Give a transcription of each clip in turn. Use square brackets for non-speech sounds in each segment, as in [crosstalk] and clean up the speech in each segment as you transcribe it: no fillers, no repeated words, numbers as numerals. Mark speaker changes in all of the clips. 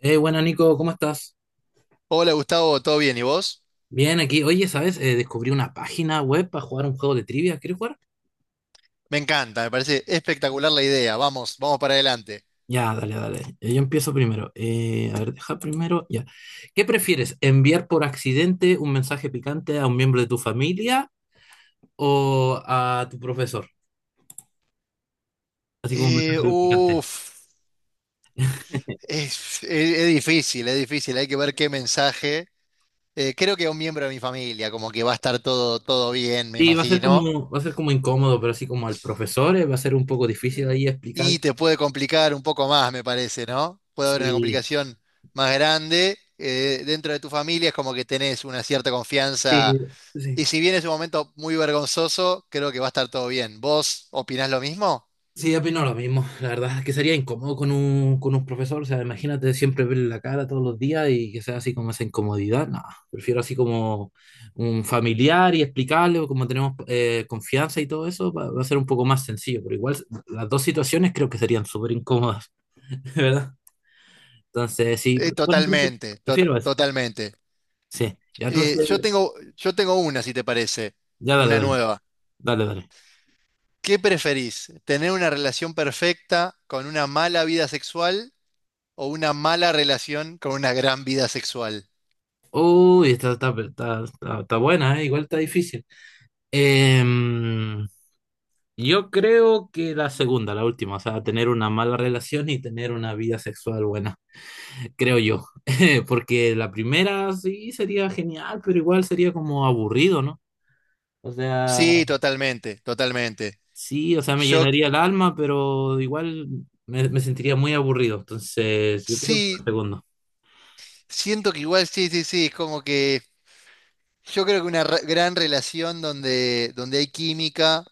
Speaker 1: Bueno, Nico, ¿cómo estás?
Speaker 2: Hola Gustavo, ¿todo bien? ¿Y vos?
Speaker 1: Bien, aquí. Oye, ¿sabes? Descubrí una página web para jugar un juego de trivia. ¿Quieres jugar?
Speaker 2: Me encanta, me parece espectacular la idea. Vamos, vamos para adelante.
Speaker 1: Ya, dale, dale. Yo empiezo primero. A ver, deja primero. Ya. ¿Qué prefieres? ¿Enviar por accidente un mensaje picante a un miembro de tu familia o a tu profesor? Así como un
Speaker 2: Eh,
Speaker 1: mensaje picante.
Speaker 2: uf, es, es- es difícil, es difícil. Hay que ver qué mensaje. Creo que a un miembro de mi familia, como que va a estar todo, todo bien, me
Speaker 1: Sí, va a ser
Speaker 2: imagino.
Speaker 1: como, va a ser como incómodo, pero así como al profesor, va a ser un poco difícil ahí explicar.
Speaker 2: Y te puede complicar un poco más, me parece, ¿no? Puede haber una
Speaker 1: Sí,
Speaker 2: complicación más grande. Dentro de tu familia es como que tenés una cierta confianza.
Speaker 1: sí, sí.
Speaker 2: Y si bien es un momento muy vergonzoso, creo que va a estar todo bien. ¿Vos opinás lo mismo?
Speaker 1: Sí, yo opino lo mismo. La verdad es que sería incómodo con un profesor. O sea, imagínate siempre verle la cara todos los días y que sea así como esa incomodidad. No, prefiero así como un familiar y explicarle, o como tenemos confianza y todo eso, va, va a ser un poco más sencillo. Pero igual las dos situaciones creo que serían súper incómodas, [laughs] ¿verdad? Entonces, sí, bueno, prefiero,
Speaker 2: Totalmente,
Speaker 1: prefiero eso.
Speaker 2: totalmente.
Speaker 1: Sí, ya entonces,
Speaker 2: Yo tengo una, si te parece,
Speaker 1: ya dale,
Speaker 2: una
Speaker 1: dale,
Speaker 2: nueva.
Speaker 1: dale, dale.
Speaker 2: ¿Qué preferís? ¿Tener una relación perfecta con una mala vida sexual o una mala relación con una gran vida sexual?
Speaker 1: Uy, está, está, está, está buena, ¿eh? Igual está difícil. Eh, Yo creo que la segunda, la última, o sea, tener una mala relación y tener una vida sexual buena, [laughs] creo yo. [laughs] Porque la primera sí sería genial, pero igual sería como aburrido, ¿no? O sea,
Speaker 2: Sí, totalmente, totalmente.
Speaker 1: sí, o sea, me
Speaker 2: Yo
Speaker 1: llenaría el
Speaker 2: c-
Speaker 1: alma, pero igual me, me sentiría muy aburrido. Entonces, yo creo que
Speaker 2: sí,
Speaker 1: la segunda,
Speaker 2: siento que igual sí, sí, sí, es como que yo creo que una gran relación donde, donde hay química.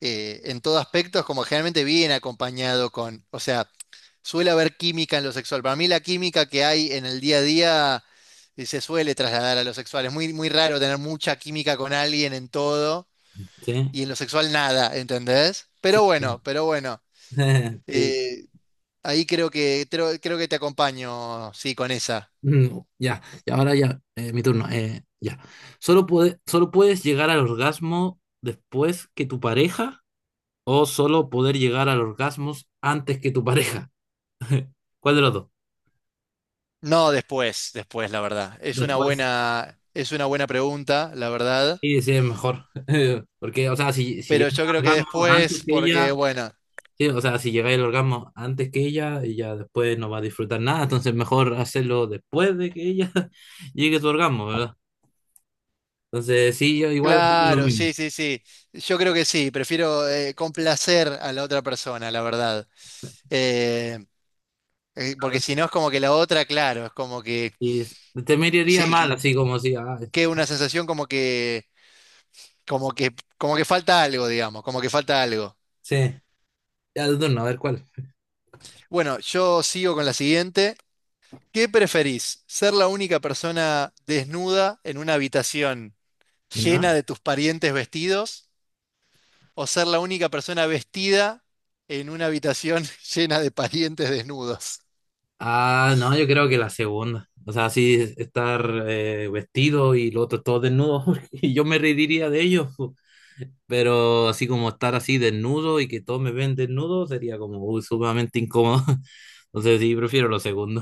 Speaker 2: En todo aspecto, es como generalmente viene acompañado con, o sea, suele haber química en lo sexual. Para mí la química que hay en el día a día se suele trasladar a lo sexual. Es muy, muy raro tener mucha química con alguien en todo
Speaker 1: ¿sí?
Speaker 2: y en lo sexual nada, ¿entendés?
Speaker 1: Sí.
Speaker 2: Pero bueno,
Speaker 1: [laughs] Sí.
Speaker 2: eh, ahí creo que, creo que te acompaño, sí, con esa.
Speaker 1: No, ya, y ahora ya, mi turno, ya. Solo puedes llegar al orgasmo después que tu pareja. O solo poder llegar al orgasmo antes que tu pareja. ¿Cuál de los dos?
Speaker 2: No, después, después, la verdad.
Speaker 1: Después.
Speaker 2: Es una buena pregunta, la verdad.
Speaker 1: Y sí, es mejor. [laughs] Porque, o sea, si, si
Speaker 2: Pero
Speaker 1: llegáis
Speaker 2: yo creo
Speaker 1: al
Speaker 2: que
Speaker 1: orgasmo antes
Speaker 2: después,
Speaker 1: que
Speaker 2: porque
Speaker 1: ella,
Speaker 2: bueno.
Speaker 1: sí, o sea, si llegáis al orgasmo antes que ella después no va a disfrutar nada. Entonces, mejor hacerlo después de que ella [laughs] llegue a su orgasmo, ¿verdad? Entonces, sí, yo igual opino lo
Speaker 2: Claro,
Speaker 1: mismo.
Speaker 2: sí, sí, sí. Yo creo que sí. Prefiero complacer a la otra persona, la verdad. Eh, Porque si no es como que la otra, claro, es como que
Speaker 1: Y te
Speaker 2: sí,
Speaker 1: miraría mal, así como si, ah,
Speaker 2: que una sensación como que, como que falta algo, digamos, como que falta algo.
Speaker 1: sí, ya de turno, a ver cuál.
Speaker 2: Bueno, yo sigo con la siguiente. ¿Qué preferís? ¿Ser la única persona desnuda en una habitación
Speaker 1: ¿Ya?
Speaker 2: llena de tus parientes vestidos, o ser la única persona vestida en una habitación [laughs] llena de parientes desnudos?
Speaker 1: Ah, no, yo creo que la segunda. O sea, sí, estar vestido y lo otro todo desnudo. [laughs] Y yo me reiría de ellos, po. Pero así como estar así desnudo y que todos me ven desnudo sería como uy, sumamente incómodo. [laughs] Entonces sí, prefiero lo segundo.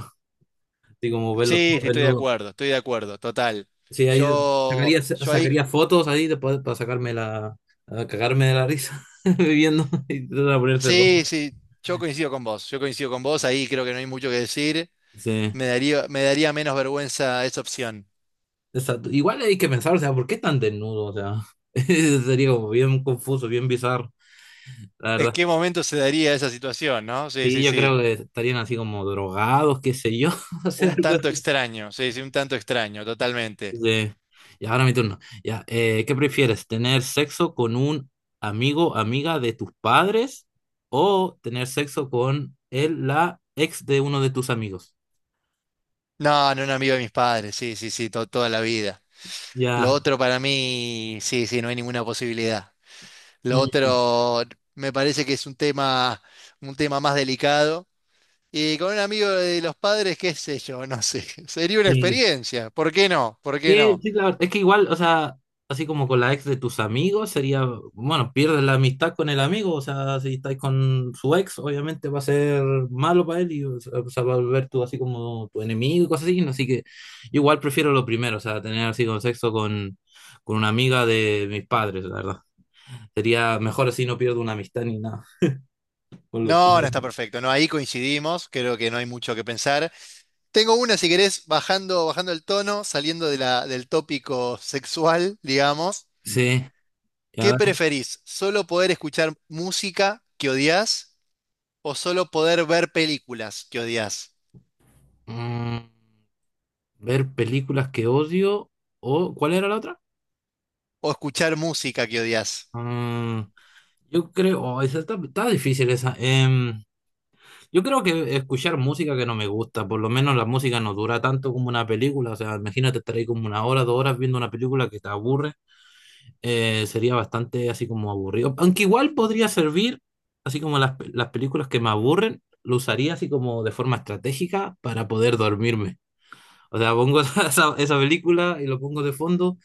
Speaker 1: Así como verlos
Speaker 2: Sí,
Speaker 1: todos
Speaker 2: sí,
Speaker 1: desnudos.
Speaker 2: estoy de acuerdo, total.
Speaker 1: Sí, ahí
Speaker 2: Yo,
Speaker 1: sacaría,
Speaker 2: yo ahí,
Speaker 1: sacaría fotos ahí después para sacarme la, a cagarme de la risa [laughs] viviendo y tratar de ponerse
Speaker 2: sí,
Speaker 1: rojo.
Speaker 2: sí, yo coincido con vos, yo coincido con vos, ahí creo que no hay mucho que decir.
Speaker 1: Sí.
Speaker 2: Me daría menos vergüenza esa opción.
Speaker 1: Exacto. Igual hay que pensar, o sea, ¿por qué tan desnudo? O sea, [laughs] sería como bien confuso, bien bizarro, la
Speaker 2: ¿En
Speaker 1: verdad.
Speaker 2: qué momento se daría esa situación, no? Sí,
Speaker 1: Sí,
Speaker 2: sí,
Speaker 1: yo creo
Speaker 2: sí.
Speaker 1: que estarían así como drogados, qué sé yo, [laughs] o sea,
Speaker 2: Un
Speaker 1: algo
Speaker 2: tanto
Speaker 1: así.
Speaker 2: extraño, sí, sí, un tanto extraño, totalmente.
Speaker 1: Sí. Y ahora mi turno. Ya, ¿qué prefieres? ¿Tener sexo con un amigo, amiga de tus padres o tener sexo con él, la ex de uno de tus amigos?
Speaker 2: No, no, un amigo de mis padres, sí, sí, sí, toda la vida. Lo
Speaker 1: Ya.
Speaker 2: otro para mí, sí, sí, no hay ninguna posibilidad. Lo
Speaker 1: Mm,
Speaker 2: otro me parece que es un tema más delicado. Y con un amigo de los padres, qué sé yo, no sé. [laughs] Sería una
Speaker 1: sí.
Speaker 2: experiencia. ¿Por qué no? ¿Por qué
Speaker 1: Sí,
Speaker 2: no?
Speaker 1: sí, claro. Es que igual, o sea, así como con la ex de tus amigos, sería, bueno, pierdes la amistad con el amigo, o sea, si estáis con su ex, obviamente va a ser malo para él y o sea, va a volver tú así como tu enemigo y cosas así, ¿no? Así que yo igual prefiero lo primero, o sea, tener así con sexo con una amiga de mis padres, la verdad. Sería mejor así, no pierdo una amistad ni nada. Con lo- con
Speaker 2: No,
Speaker 1: lo-
Speaker 2: no está perfecto. No, ahí coincidimos. Creo que no hay mucho que pensar. Tengo una, si querés, bajando, bajando el tono, saliendo de la, del tópico sexual, digamos.
Speaker 1: Sí,
Speaker 2: ¿Qué
Speaker 1: ya.
Speaker 2: preferís? ¿Solo poder escuchar música que odias o solo poder ver películas que odias?
Speaker 1: Mm, ver películas que odio o, ¿cuál era la otra?
Speaker 2: O escuchar música que odias.
Speaker 1: Mm, yo creo, oh, esa está, está difícil esa. Yo creo que escuchar música que no me gusta, por lo menos la música no dura tanto como una película, o sea, imagínate estar ahí como una hora, dos horas viendo una película que te aburre, sería bastante así como aburrido. Aunque igual podría servir, así como las películas que me aburren, lo usaría así como de forma estratégica para poder dormirme. O sea, pongo [laughs] esa película y lo pongo de fondo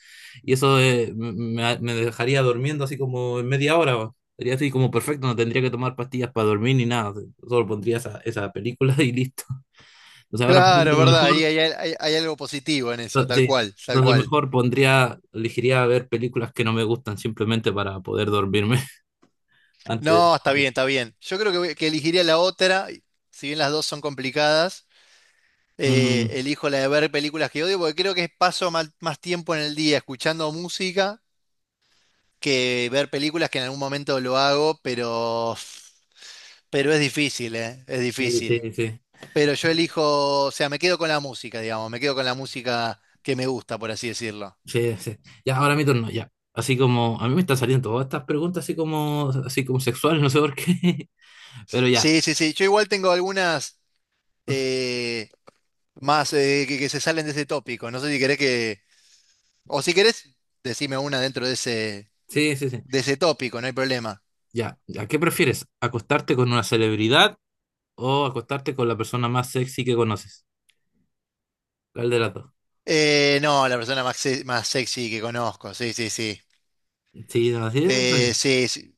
Speaker 1: y eso me, me dejaría durmiendo así como en media hora, weón. Sería así como perfecto, no tendría que tomar pastillas para dormir ni nada. Solo pondría esa, esa película [laughs] y listo. O sea, ahora pienso
Speaker 2: Claro,
Speaker 1: lo
Speaker 2: verdad, ahí
Speaker 1: mejor,
Speaker 2: hay, hay algo positivo en eso, tal
Speaker 1: sí,
Speaker 2: cual, tal
Speaker 1: entonces
Speaker 2: cual.
Speaker 1: mejor pondría, elegiría ver películas que no me gustan simplemente para poder dormirme [laughs] antes
Speaker 2: No, está
Speaker 1: de...
Speaker 2: bien, está bien. Yo creo que, que elegiría la otra, si bien las dos son complicadas,
Speaker 1: Mm,
Speaker 2: elijo la de ver películas que odio, porque creo que paso más tiempo en el día escuchando música que ver películas que en algún momento lo hago, pero es difícil, es
Speaker 1: sí, sí,
Speaker 2: difícil.
Speaker 1: sí,
Speaker 2: Pero yo elijo, o sea, me quedo con la música, digamos, me quedo con la música que me gusta, por así decirlo.
Speaker 1: sí, sí. Ya, ahora mi turno, ya. Así como, a mí me están saliendo todas estas preguntas así como sexuales, [laughs] no sé por qué. [laughs] Pero ya.
Speaker 2: Sí, sí, sí, yo igual tengo algunas... eh, más, que se salen de ese tópico. No sé si querés que, o si querés, decime una dentro
Speaker 1: Sí, sí, sí.
Speaker 2: de ese tópico, no hay problema.
Speaker 1: Ya, ¿a qué prefieres? ¿Acostarte con una celebridad o acostarte con la persona más sexy que conoces? ¿Cuál de las dos?
Speaker 2: No, la persona más, más sexy que conozco, sí, sí, sí.
Speaker 1: Sí, no, sí, está
Speaker 2: Eh,
Speaker 1: bien.
Speaker 2: sí, sí,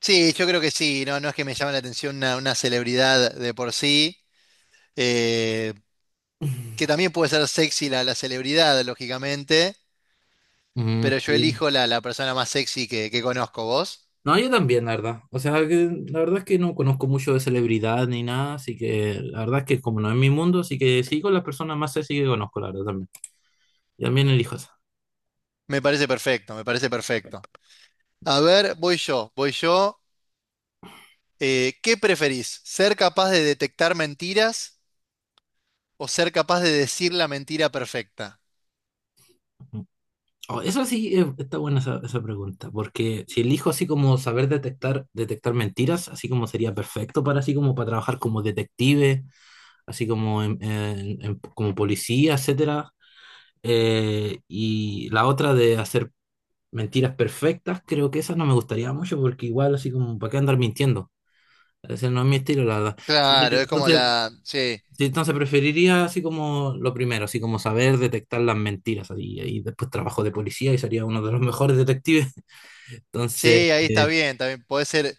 Speaker 2: sí, yo creo que sí, no, no es que me llame la atención una celebridad de por sí, eh, que también puede ser sexy la, la celebridad, lógicamente,
Speaker 1: Mm,
Speaker 2: pero yo
Speaker 1: sí.
Speaker 2: elijo la, la persona más sexy que conozco, vos.
Speaker 1: No, yo también, la verdad. O sea, que la verdad es que no conozco mucho de celebridad ni nada, así que la verdad es que como no es mi mundo, así que sí con las personas más sexy que conozco, la verdad también. Y también elijo esa.
Speaker 2: Me parece perfecto, me parece perfecto. A ver, voy yo, voy yo. ¿Qué preferís? ¿Ser capaz de detectar mentiras o ser capaz de decir la mentira perfecta?
Speaker 1: Mm. Oh, eso sí, está buena esa, esa pregunta, porque si elijo así como saber detectar, detectar mentiras, así como sería perfecto para así como para trabajar como detective así como, como policía, etcétera. Y la otra de hacer mentiras perfectas, creo que esa no me gustaría mucho porque igual así como, ¿para qué andar mintiendo? Ese no es mi estilo, la verdad.
Speaker 2: Claro, es como
Speaker 1: Entonces,
Speaker 2: la... Sí,
Speaker 1: sí, entonces preferiría así como lo primero, así como saber detectar las mentiras así, y después trabajo de policía y sería uno de los mejores detectives. [laughs] Entonces,
Speaker 2: sí, ahí está
Speaker 1: eh,
Speaker 2: bien, también puede ser...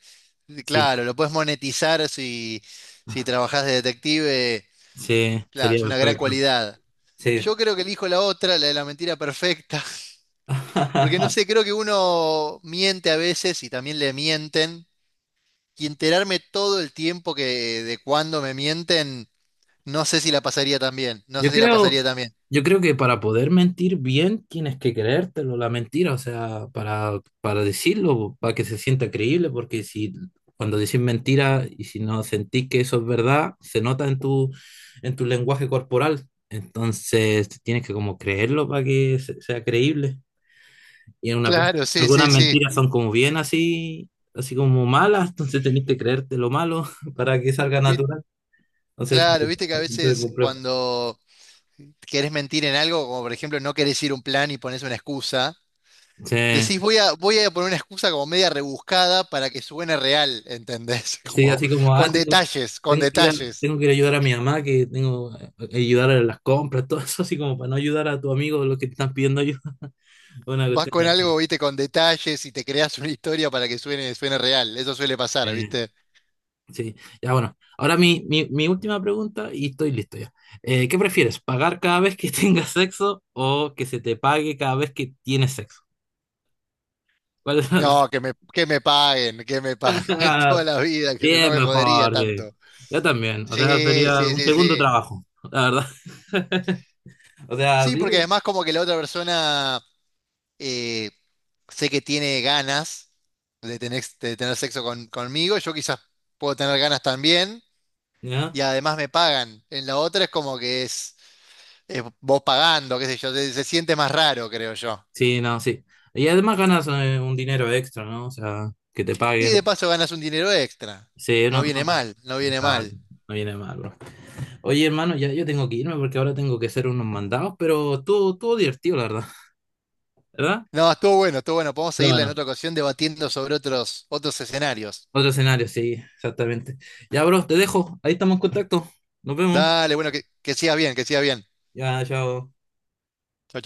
Speaker 1: sí,
Speaker 2: Claro, lo puedes monetizar si, si trabajás de detective.
Speaker 1: sí,
Speaker 2: Claro,
Speaker 1: sería
Speaker 2: es una gran
Speaker 1: perfecto.
Speaker 2: cualidad.
Speaker 1: Sí.
Speaker 2: Yo creo que elijo la otra, la de la mentira perfecta, [laughs] porque no
Speaker 1: [laughs]
Speaker 2: sé, creo que uno miente a veces y también le mienten, y enterarme todo el tiempo que de cuándo me mienten. No sé si la pasaría tan bien, no
Speaker 1: Yo
Speaker 2: sé si la
Speaker 1: creo,
Speaker 2: pasaría tan bien.
Speaker 1: yo creo que para poder mentir bien tienes que creértelo, la mentira, o sea, para decirlo, para que se sienta creíble, porque si cuando decís mentira y si no sentís que eso es verdad, se nota en tu lenguaje corporal. Entonces tienes que como creerlo para que sea creíble. Y
Speaker 2: Claro, sí,
Speaker 1: algunas
Speaker 2: sí, sí.
Speaker 1: mentiras son como bien así, así como malas, entonces tenés que creerte lo malo [laughs] para que salga
Speaker 2: Vi-
Speaker 1: natural. Entonces,
Speaker 2: claro,
Speaker 1: es
Speaker 2: viste que a
Speaker 1: bastante
Speaker 2: veces
Speaker 1: complejo.
Speaker 2: cuando querés mentir en algo, como por ejemplo no querés ir a un plan y pones una excusa,
Speaker 1: Sí.
Speaker 2: decís voy a, voy a poner una excusa como media rebuscada para que suene real, ¿entendés? [laughs]
Speaker 1: Sí,
Speaker 2: Como
Speaker 1: así como, ah,
Speaker 2: con
Speaker 1: tengo,
Speaker 2: detalles, con
Speaker 1: tengo que ir a,
Speaker 2: detalles.
Speaker 1: tengo que ir a ayudar a mi mamá, que tengo que ayudar a las compras, [laughs] todo eso, así como para no ayudar a tu amigo los que te están pidiendo ayuda. [laughs] Una
Speaker 2: Vas
Speaker 1: cuestión
Speaker 2: con algo,
Speaker 1: así.
Speaker 2: viste, con detalles y te creas una historia para que suene, suene real. Eso suele pasar,
Speaker 1: Eh,
Speaker 2: ¿viste?
Speaker 1: sí, ya bueno. Ahora mi, mi, mi última pregunta y estoy listo ya. ¿Qué prefieres? ¿Pagar cada vez que [laughs] tengas sexo o que se te pague cada vez que tienes sexo? ¿Cuál es la...
Speaker 2: No, que me paguen [laughs] toda
Speaker 1: [laughs]
Speaker 2: la vida, que
Speaker 1: Sí,
Speaker 2: no
Speaker 1: es
Speaker 2: me jodería
Speaker 1: mejor, sí.
Speaker 2: tanto.
Speaker 1: Yo también. O sea,
Speaker 2: Sí,
Speaker 1: sería
Speaker 2: sí,
Speaker 1: un
Speaker 2: sí,
Speaker 1: segundo
Speaker 2: sí.
Speaker 1: trabajo, la verdad. [laughs] O sea,
Speaker 2: Sí,
Speaker 1: sí.
Speaker 2: porque además como que la otra persona eh, sé que tiene ganas de tener sexo conmigo, yo quizás puedo tener ganas también,
Speaker 1: Ya.
Speaker 2: y además me pagan. En la otra es como que es vos pagando, qué sé yo, se siente más raro, creo yo.
Speaker 1: Sí, no, sí. Y además ganas un dinero extra, ¿no? O sea, que te
Speaker 2: Y de
Speaker 1: paguen.
Speaker 2: paso ganas un dinero extra.
Speaker 1: Sí,
Speaker 2: No
Speaker 1: no,
Speaker 2: viene
Speaker 1: no.
Speaker 2: mal, no viene
Speaker 1: Exacto.
Speaker 2: mal.
Speaker 1: No viene mal, bro. Oye, hermano, ya yo tengo que irme porque ahora tengo que hacer unos mandados, pero estuvo, estuvo divertido, la verdad. [laughs] ¿Verdad?
Speaker 2: No, estuvo bueno, estuvo bueno. Podemos
Speaker 1: No,
Speaker 2: seguirla en
Speaker 1: bueno.
Speaker 2: otra ocasión debatiendo sobre otros, otros escenarios.
Speaker 1: Otro escenario, sí, exactamente. Ya, bro, te dejo. Ahí estamos en contacto. Nos vemos.
Speaker 2: Dale, bueno, que sigas bien, que sigas bien.
Speaker 1: Ya, chao.
Speaker 2: Chau,